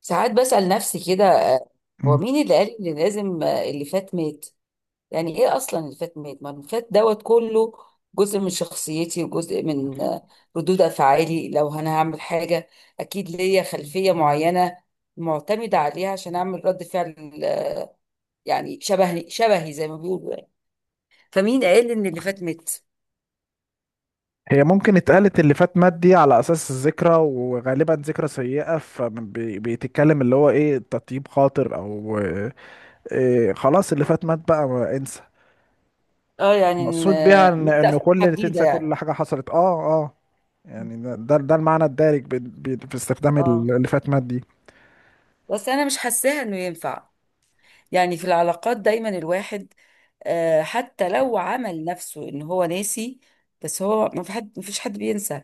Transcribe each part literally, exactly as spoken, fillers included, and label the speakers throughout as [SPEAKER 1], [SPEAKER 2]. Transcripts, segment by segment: [SPEAKER 1] ساعات بسأل نفسي كده آه، هو
[SPEAKER 2] مم.
[SPEAKER 1] مين اللي قال اللي لازم آه، اللي فات مات؟ يعني ايه اصلا اللي فات مات؟ ما اللي فات دوت كله جزء من شخصيتي وجزء من آه، ردود افعالي. لو انا هعمل حاجة اكيد ليا خلفية معينة معتمدة عليها عشان اعمل رد فعل آه، يعني شبهي شبهي زي ما بيقولوا يعني. فمين قال ان اللي فات مات؟
[SPEAKER 2] هي ممكن اتقالت اللي فات مات دي على اساس الذكرى، وغالبا ذكرى سيئة. فبيتكلم اللي هو ايه، تطيب خاطر، او إيه خلاص اللي فات مات بقى، ما انسى.
[SPEAKER 1] اه، يعني إن،
[SPEAKER 2] مقصود بيها
[SPEAKER 1] آه،
[SPEAKER 2] ان
[SPEAKER 1] نبدأ
[SPEAKER 2] ان
[SPEAKER 1] في
[SPEAKER 2] كل
[SPEAKER 1] حاجة
[SPEAKER 2] اللي
[SPEAKER 1] جديدة
[SPEAKER 2] تنسى
[SPEAKER 1] يعني.
[SPEAKER 2] كل حاجة حصلت. اه اه يعني ده ده ده المعنى الدارج بي- بي- في استخدام ال-
[SPEAKER 1] اه،
[SPEAKER 2] اللي فات مات دي.
[SPEAKER 1] بس انا مش حاساها انه ينفع. يعني في العلاقات دايما الواحد آه، حتى لو عمل نفسه ان هو ناسي، بس هو ما في حد ما فيش حد بينسى.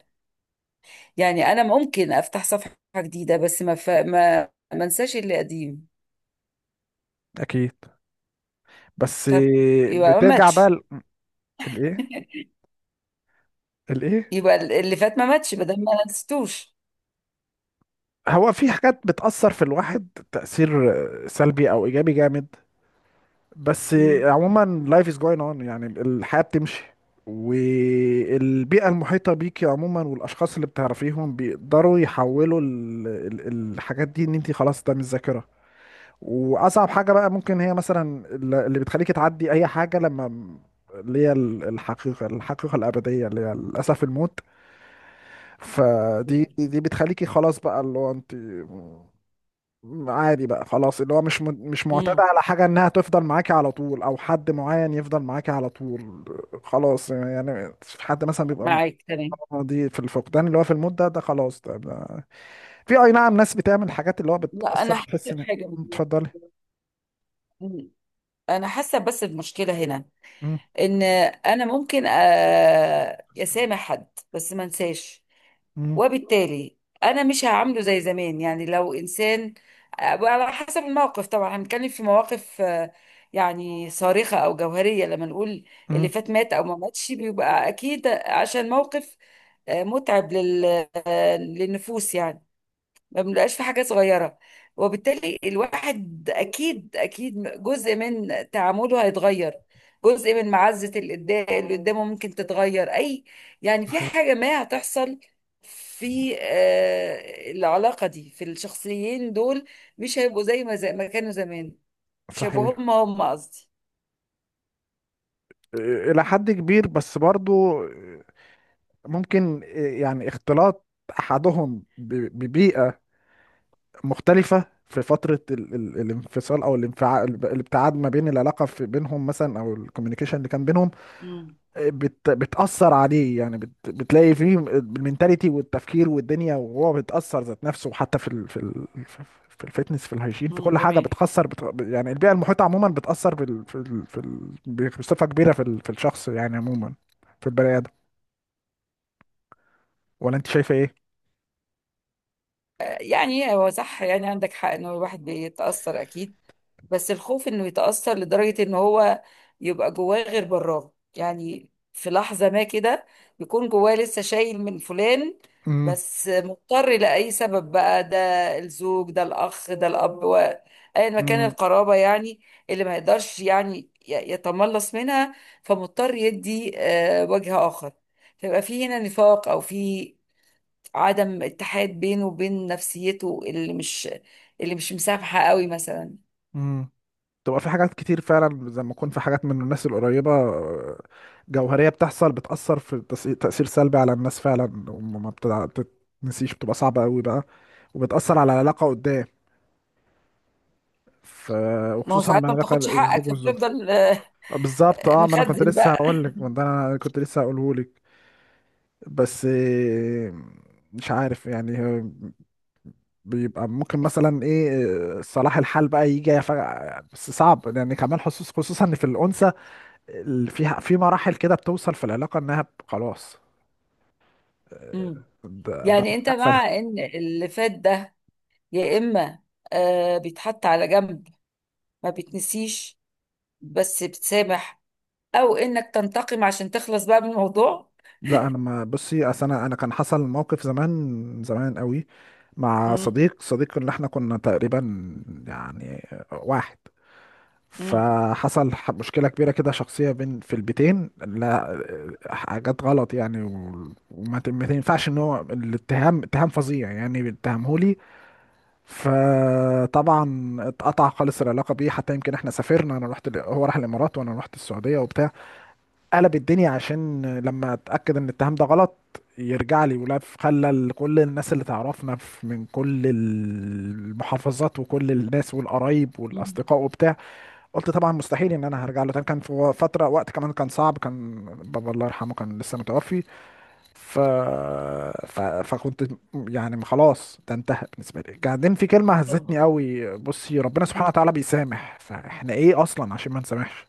[SPEAKER 1] يعني انا ممكن افتح صفحة جديدة بس ما ف... ما ما انساش اللي قديم.
[SPEAKER 2] اكيد. بس
[SPEAKER 1] طب
[SPEAKER 2] إيه،
[SPEAKER 1] يبقى ما
[SPEAKER 2] بترجع بقى
[SPEAKER 1] ماتش.
[SPEAKER 2] ال- الايه؟ الايه؟
[SPEAKER 1] يبقى اللي فات ما ماتش بدل ما نسيتوش.
[SPEAKER 2] هو في حاجات بتأثر في الواحد تأثير سلبي او ايجابي جامد، بس
[SPEAKER 1] مم.
[SPEAKER 2] عموما life is going on، يعني الحياة بتمشي، والبيئة المحيطة بيكي عموما والأشخاص اللي بتعرفيهم بيقدروا يحولوا ال- ال- الحاجات دي، إن انتي خلاص ده مش ذاكرة. وأصعب حاجة بقى ممكن هي مثلا ال- اللي بتخليكي تعدي أي حاجة، لما م- اللي هي ال- الحقيقة الحقيقة الأبدية، اللي هي للأسف الموت. فدي دي بتخليكي خلاص بقى، اللي هو انت عادي بقى خلاص، اللي هو مش م- مش معتادة
[SPEAKER 1] مم.
[SPEAKER 2] على حاجة انها تفضل معاكي على طول، او حد معين يفضل معاكي على طول. خلاص يعني في حد مثلا بيبقى
[SPEAKER 1] معاك تمام.
[SPEAKER 2] م- دي في الفقدان، اللي هو في المدة ده خلاص ده, ده في اي، نعم، ناس بتعمل حاجات اللي هو
[SPEAKER 1] لا
[SPEAKER 2] بتأثر،
[SPEAKER 1] انا
[SPEAKER 2] بتحس
[SPEAKER 1] حاسه
[SPEAKER 2] ان...
[SPEAKER 1] بحاجه.
[SPEAKER 2] اتفضلي.
[SPEAKER 1] مم. انا حاسه بس المشكله هنا
[SPEAKER 2] مم.
[SPEAKER 1] ان انا ممكن أ- اسامح حد بس ما انساش.
[SPEAKER 2] مم.
[SPEAKER 1] وبالتالي انا مش هعامله زي زمان، يعني لو انسان على حسب الموقف طبعا. هنتكلم في مواقف آه، يعني صارخة او جوهرية لما نقول اللي
[SPEAKER 2] مم.
[SPEAKER 1] فات مات او ما ماتش بيبقى اكيد عشان موقف آه، متعب لل- آه، للنفوس يعني، ما بنبقاش في حاجة صغيرة. وبالتالي الواحد أكيد أكيد جزء من تعامله هيتغير، جزء من معزة اللي قدا- اللي قدامه ممكن تتغير أي يعني، في
[SPEAKER 2] صحيح.
[SPEAKER 1] حاجة ما هتحصل في آه، العلاقة دي، في الشخصيين دول مش هيبقوا زي ما زي ما كانوا زمان. مش هيبقوا
[SPEAKER 2] صحيح.
[SPEAKER 1] هم هم قصدي.
[SPEAKER 2] الى حد كبير، بس برضو ممكن يعني اختلاط احدهم ببيئة مختلفة في فترة ال ال الانفصال او الانفعال، الابتعاد ما بين العلاقة في بينهم مثلا، او الكوميونيكيشن اللي كان بينهم
[SPEAKER 1] امم.
[SPEAKER 2] بت بتأثر عليه. يعني بت بتلاقي فيه المينتاليتي والتفكير والدنيا، وهو بيتأثر ذات نفسه حتى في ال في ال في الفتنس، في الهيجين، في
[SPEAKER 1] امم،
[SPEAKER 2] كل حاجة
[SPEAKER 1] تمام.
[SPEAKER 2] بتخسر، بت يعني البيئة المحيطة عموما بتأثر بال في ال في ال بصفة كبيرة في ال في الشخص يعني عموما، في البني آدم. ولا انت شايفة ايه؟
[SPEAKER 1] يعني هو صح، يعني عندك حق إنه الواحد بيتأثر أكيد، بس الخوف انه يتأثر لدرجة ان هو يبقى جواه غير براه. يعني في لحظة ما كده يكون جواه لسه شايل من فلان، بس مضطر لأي سبب بقى، ده الزوج ده الأخ ده الأب و- أيا ما كان القرابة يعني، اللي ما يقدرش يعني ي- يتملص منها، فمضطر يدي آه، وجه آخر. فيبقى في هنا نفاق أو في عدم اتحاد بينه وبين نفسيته اللي مش اللي مش مسامحة قوي مثلا.
[SPEAKER 2] امم. تبقى في حاجات كتير فعلا، زي ما يكون في حاجات من الناس القريبة، آه، جوهرية بتحصل بتأثر في تس- تأثير سلبي على الناس فعلا، وما بتتنسيش، بتبقى صعبة قوي بقى، وبتأثر على العلاقة قدام. ف...
[SPEAKER 1] ما هو
[SPEAKER 2] وخصوصا مع
[SPEAKER 1] ساعات ما
[SPEAKER 2] علاقة
[SPEAKER 1] بتاخدش حقك
[SPEAKER 2] الزوج والزوجة.
[SPEAKER 1] فبتفضل آه،
[SPEAKER 2] آه، بالظبط، اه. ما انا كنت
[SPEAKER 1] مخزن
[SPEAKER 2] لسه
[SPEAKER 1] بقى.
[SPEAKER 2] هقول لك، ما ده انا كنت لسه هقوله لك. بس آه، مش عارف يعني، آه، بيبقى ممكن مثلا ايه، آه، صلاح الحال بقى يجي فجأة، بس صعب يعني كمان خصوص خصوصا في الأنثى. ال- في في مراحل كده بتوصل في العلاقة انها ب- خلاص. آه،
[SPEAKER 1] مم.
[SPEAKER 2] ده ده
[SPEAKER 1] يعني انت مع
[SPEAKER 2] قفلت.
[SPEAKER 1] ان اللي فات ده، يا اما آه بيتحط على جنب، ما بيتنسيش بس بتسامح، او انك تنتقم عشان تخلص بقى من الموضوع.
[SPEAKER 2] لا انا ما بصي. اصل انا انا كان حصل موقف زمان زمان قوي، مع
[SPEAKER 1] مم.
[SPEAKER 2] صديق صديق اللي احنا كنا تقريبا يعني واحد.
[SPEAKER 1] مم.
[SPEAKER 2] فحصل ح- مشكلة كبيرة كده شخصية بين في البيتين، لا آه، حاجات غلط يعني، و- وما ت- ما ينفعش ان هو الاتهام، اتهام فظيع يعني، اتهمهولي. فطبعا اتقطع خالص العلاقه بيه. حتى يمكن احنا سافرنا، انا رحت ال- هو راح الامارات وانا رحت السعوديه وبتاع، قلب الدنيا عشان لما اتاكد ان الاتهام ده غلط يرجع لي. ولف خلى ال- كل الناس اللي تعرفنا في- من كل المحافظات وكل الناس والقرايب
[SPEAKER 1] مم.
[SPEAKER 2] والاصدقاء وبتاع. قلت طبعا مستحيل ان انا هرجع له تاني. كان في فتره، وقت كمان كان صعب، كان بابا الله يرحمه كان لسه متوفي. ف... ف... فكنت يعني خلاص، ده انتهى بالنسبه لي. بعدين في كلمه
[SPEAKER 1] طب.
[SPEAKER 2] هزتني قوي، بصي ربنا سبحانه
[SPEAKER 1] مم.
[SPEAKER 2] وتعالى بيسامح، فاحنا ايه اصلا عشان ما نسامحش.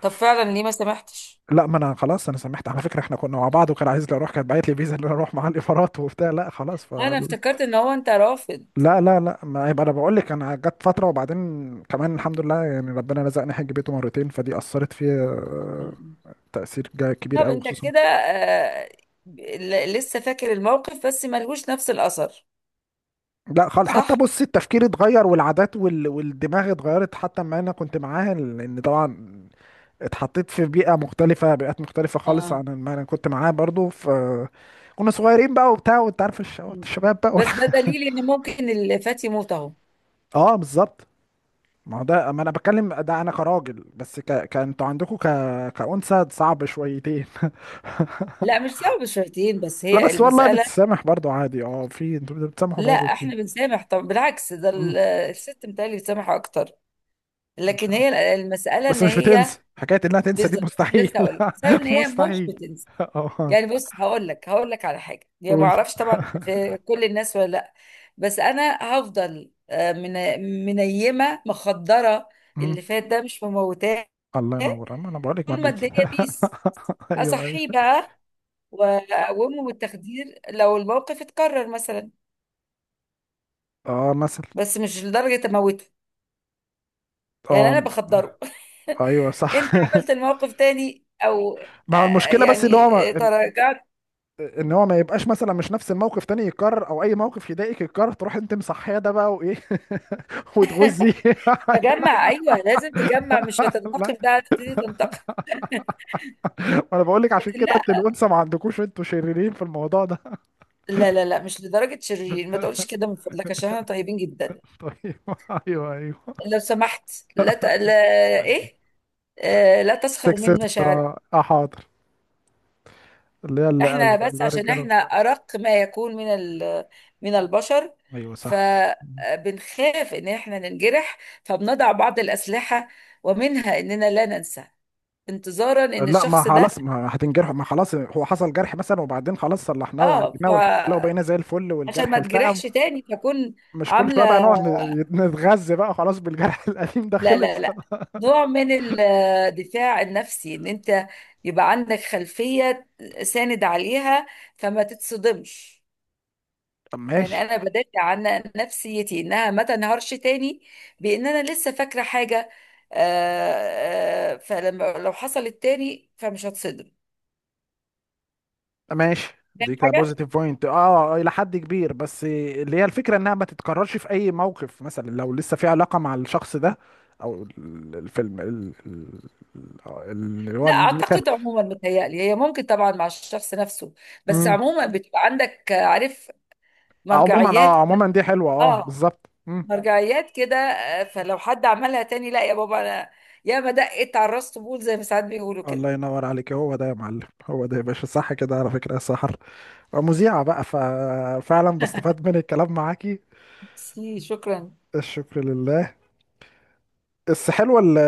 [SPEAKER 1] طب فعلا ليه ما سامحتش؟
[SPEAKER 2] لا، ما انا خلاص، انا سامحت على فكره. احنا كنا مع بعض، وكان عايز لي اروح، كانت باعت لي فيزا ان انا اروح مع الامارات وبتاع. لا خلاص ف...
[SPEAKER 1] انا افتكرت ان هو انت رافض.
[SPEAKER 2] لا لا لا، ما يبقى انا بقول لك، انا جت فتره. وبعدين كمان الحمد لله يعني، ربنا رزقني حج بيته مرتين، فدي اثرت فيا آه،
[SPEAKER 1] مم.
[SPEAKER 2] تاثير جا- كبير
[SPEAKER 1] طب
[SPEAKER 2] قوي
[SPEAKER 1] انت
[SPEAKER 2] خصوصا.
[SPEAKER 1] كده آه، ل- لسه فاكر الموقف بس ملهوش نفس الاثر؟
[SPEAKER 2] لا خالص. حتى
[SPEAKER 1] صح.
[SPEAKER 2] بص التفكير اتغير والعادات وال... والدماغ اتغيرت، حتى ما انا كنت معاها. لان طبعا اتحطيت في بيئة مختلفة، بيئات مختلفة خالص
[SPEAKER 1] اه.
[SPEAKER 2] عن ما انا كنت معاها برضو. ف كنا صغيرين بقى وبتاع، وانت عارف الش-
[SPEAKER 1] مم.
[SPEAKER 2] الشباب بقى
[SPEAKER 1] بس ده
[SPEAKER 2] والح...
[SPEAKER 1] دليل ان ممكن الفتى يموت اهو.
[SPEAKER 2] اه بالظبط. ما هو ده، ما انا بتكلم ده انا كراجل، بس ك... كانتوا عندكم ك... كأنثى، صعب شويتين.
[SPEAKER 1] لا، مش صعب شويتين، بس
[SPEAKER 2] لا
[SPEAKER 1] هي
[SPEAKER 2] بس والله
[SPEAKER 1] المسألة.
[SPEAKER 2] بتسامح برضو عادي، اه في انتوا بتسامحوا
[SPEAKER 1] لا
[SPEAKER 2] برضو كتير.
[SPEAKER 1] احنا بنسامح، طب بالعكس ده ال- الست متهيألي بتسامح اكتر. لكن
[SPEAKER 2] مم.
[SPEAKER 1] هي المسألة
[SPEAKER 2] بس
[SPEAKER 1] ان
[SPEAKER 2] مش
[SPEAKER 1] هي،
[SPEAKER 2] بتنسى، حكاية انها تنسى دي
[SPEAKER 1] بالظبط كنت
[SPEAKER 2] مستحيل.
[SPEAKER 1] لسه هقول لك، المسألة ان هي مش
[SPEAKER 2] مستحيل.
[SPEAKER 1] بتنسى.
[SPEAKER 2] اه.
[SPEAKER 1] يعني بص، هقول لك هقول لك على حاجة، يعني ما
[SPEAKER 2] قول.
[SPEAKER 1] اعرفش طبعا في كل الناس ولا لا، بس انا هفضل آه، من منيمة مخدرة.
[SPEAKER 2] مم.
[SPEAKER 1] اللي فات ده مش مموتاه،
[SPEAKER 2] الله ينور. انا أنا بقول لك ما
[SPEAKER 1] طول ما
[SPEAKER 2] بيت.
[SPEAKER 1] الدنيا بيس،
[SPEAKER 2] ايوه ايوه.
[SPEAKER 1] اصحيه بقى واقومه بالتخدير لو الموقف اتكرر مثلا،
[SPEAKER 2] اه مثلا.
[SPEAKER 1] بس مش لدرجه اموته، يعني
[SPEAKER 2] اه.
[SPEAKER 1] انا بخدره.
[SPEAKER 2] ايوه صح.
[SPEAKER 1] انت عملت الموقف تاني، او
[SPEAKER 2] ما هو
[SPEAKER 1] آه،
[SPEAKER 2] المشكله، بس اللي هو
[SPEAKER 1] يعني آه،
[SPEAKER 2] ما... ان
[SPEAKER 1] تراجعت.
[SPEAKER 2] إن هو ما يبقاش مثلا، مش نفس الموقف تاني يتكرر، او اي موقف يضايقك يتكرر تروح انت مصحيه ده بقى وايه، وتغزي.
[SPEAKER 1] تجمع، ايوه لازم تجمع، مش
[SPEAKER 2] لا،
[SPEAKER 1] هتنتقم، ده هتبتدي تنتقم.
[SPEAKER 2] ما انا بقول لك عشان
[SPEAKER 1] لكن
[SPEAKER 2] كده
[SPEAKER 1] لا،
[SPEAKER 2] انت الانثى، ما عندكوش انتوا شريرين في الموضوع ده.
[SPEAKER 1] لا لا لا مش لدرجه شرير، ما تقولش كده من فضلك، عشان احنا طيبين جدا.
[SPEAKER 2] طيب. ايوه ايوه.
[SPEAKER 1] لو سمحت. لا, ت... لا ايه. آه لا تسخر
[SPEAKER 2] سكسس،
[SPEAKER 1] من مشاعرك.
[SPEAKER 2] اه، آه، حاضر. اللي هي اللي قال
[SPEAKER 1] احنا بس عشان
[SPEAKER 2] الرجاله.
[SPEAKER 1] احنا ارق ما يكون من ال- من البشر،
[SPEAKER 2] ايوه صح.
[SPEAKER 1] فبنخاف ان احنا ننجرح، فبنضع بعض الاسلحه ومنها اننا لا ننسى انتظارا ان
[SPEAKER 2] لا ما
[SPEAKER 1] الشخص ده،
[SPEAKER 2] خلاص، ما هتنجرح. ما خلاص، هو حصل جرح مثلا، وبعدين خلاص صلحناه
[SPEAKER 1] اه،
[SPEAKER 2] وعالجناه والحمد لله، وبقينا زي
[SPEAKER 1] فعشان
[SPEAKER 2] الفل والجرح
[SPEAKER 1] ما تجرحش
[SPEAKER 2] التئم.
[SPEAKER 1] تاني فكون
[SPEAKER 2] مش كل
[SPEAKER 1] عامله،
[SPEAKER 2] شويه بقى نقعد ن- نتغذى بقى خلاص بالجرح القديم ده.
[SPEAKER 1] لا لا
[SPEAKER 2] خلص.
[SPEAKER 1] لا، نوع من الدفاع النفسي، ان انت يبقى عندك خلفيه ساند عليها فما تتصدمش.
[SPEAKER 2] طب
[SPEAKER 1] يعني
[SPEAKER 2] ماشي.
[SPEAKER 1] انا بدافع عن نفسيتي انها ما تنهارش تاني، بان انا لسه فاكره حاجه، آه، آه، فلما لو حصلت تاني فمش هتصدم.
[SPEAKER 2] ماشي،
[SPEAKER 1] فاهم
[SPEAKER 2] دي
[SPEAKER 1] حاجه؟
[SPEAKER 2] كبوزيتيف بوينت، اه، الى حد كبير. بس اللي هي الفكره انها ما تتكررش في اي موقف، مثلا لو لسه في علاقه مع الشخص ده، او ال- الفيلم ال- ال- ال- اللي هو
[SPEAKER 1] لا،
[SPEAKER 2] الميكا-
[SPEAKER 1] اعتقد عموما متهيألي هي، ممكن طبعا مع الشخص نفسه، بس
[SPEAKER 2] مم.
[SPEAKER 1] عموما بتبقى عندك آه، عارف،
[SPEAKER 2] عموما
[SPEAKER 1] مرجعيات.
[SPEAKER 2] اه، عموما دي حلوه، اه
[SPEAKER 1] اه،
[SPEAKER 2] بالظبط.
[SPEAKER 1] مرجعيات كده آه، فلو حد عملها تاني، لا يا بابا، انا يا ما دقت على الراس طبول زي ما ساعات بيقولوا كده.
[SPEAKER 2] الله ينور عليك، هو ده يا معلم، هو ده يا باشا. صح كده على فكرة يا سحر، مذيعة بقى، ففعلا بستفاد من الكلام معاكي.
[SPEAKER 1] ميرسي، شكرا.
[SPEAKER 2] الشكر لله. بس حلوة ال-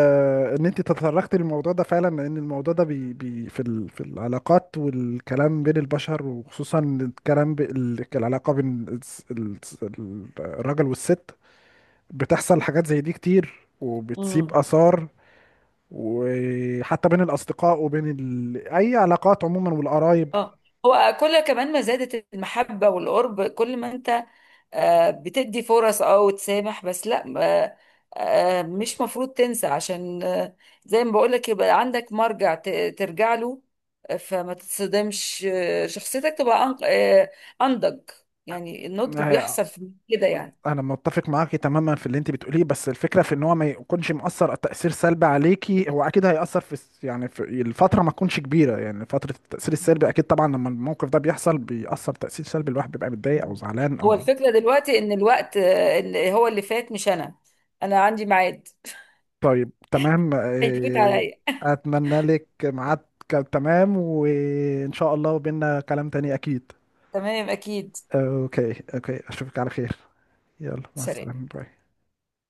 [SPEAKER 2] ان انت تطرقتي للموضوع ده فعلا، لان الموضوع ده بي بي في ال في العلاقات والكلام بين البشر، وخصوصا الكلام ب- ال- العلاقة بين الس- الس- الراجل والست. بتحصل حاجات زي دي كتير، وبتسيب
[SPEAKER 1] مم.
[SPEAKER 2] آثار. وحتى بين الأصدقاء وبين ال... أي علاقات عموما والقرايب.
[SPEAKER 1] اه. هو كل كمان ما زادت المحبة والقرب، كل ما انت آه، بتدي فرص، اه، وتسامح، بس لا ما- آه، مش مفروض تنسى، عشان آه، زي ما بقولك يبقى عندك مرجع ت- ترجع له، آه، فما تتصدمش، آه، شخصيتك تبقى أنق- آه، أنضج. يعني النضج بيحصل في كده يعني.
[SPEAKER 2] انا متفق معاكي تماما في اللي انت بتقوليه، بس الفكره في ان هو ما يكونش مؤثر تاثير سلبي عليكي. هو اكيد هياثر في الس- يعني في الفتره، ما تكونش كبيره يعني فتره التاثير السلبي،
[SPEAKER 1] مم.
[SPEAKER 2] اكيد طبعا لما الموقف ده بيحصل بيأثر تاثير سلبي، الواحد بيبقى متضايق او
[SPEAKER 1] مم.
[SPEAKER 2] زعلان
[SPEAKER 1] هو
[SPEAKER 2] او...
[SPEAKER 1] الفكرة دلوقتي ان الوقت آه، اللي هو اللي فات مش انا، انا عندي ميعاد
[SPEAKER 2] طيب تمام،
[SPEAKER 1] هيفوت
[SPEAKER 2] آه،
[SPEAKER 1] عليا.
[SPEAKER 2] اتمنى لك ميعاد. ك- تمام، وان شاء الله بينا كلام تاني اكيد.
[SPEAKER 1] تمام اكيد.
[SPEAKER 2] اوكي اوكي، اشوفك على خير. يلا مع
[SPEAKER 1] سلام.
[SPEAKER 2] السلامه، باي.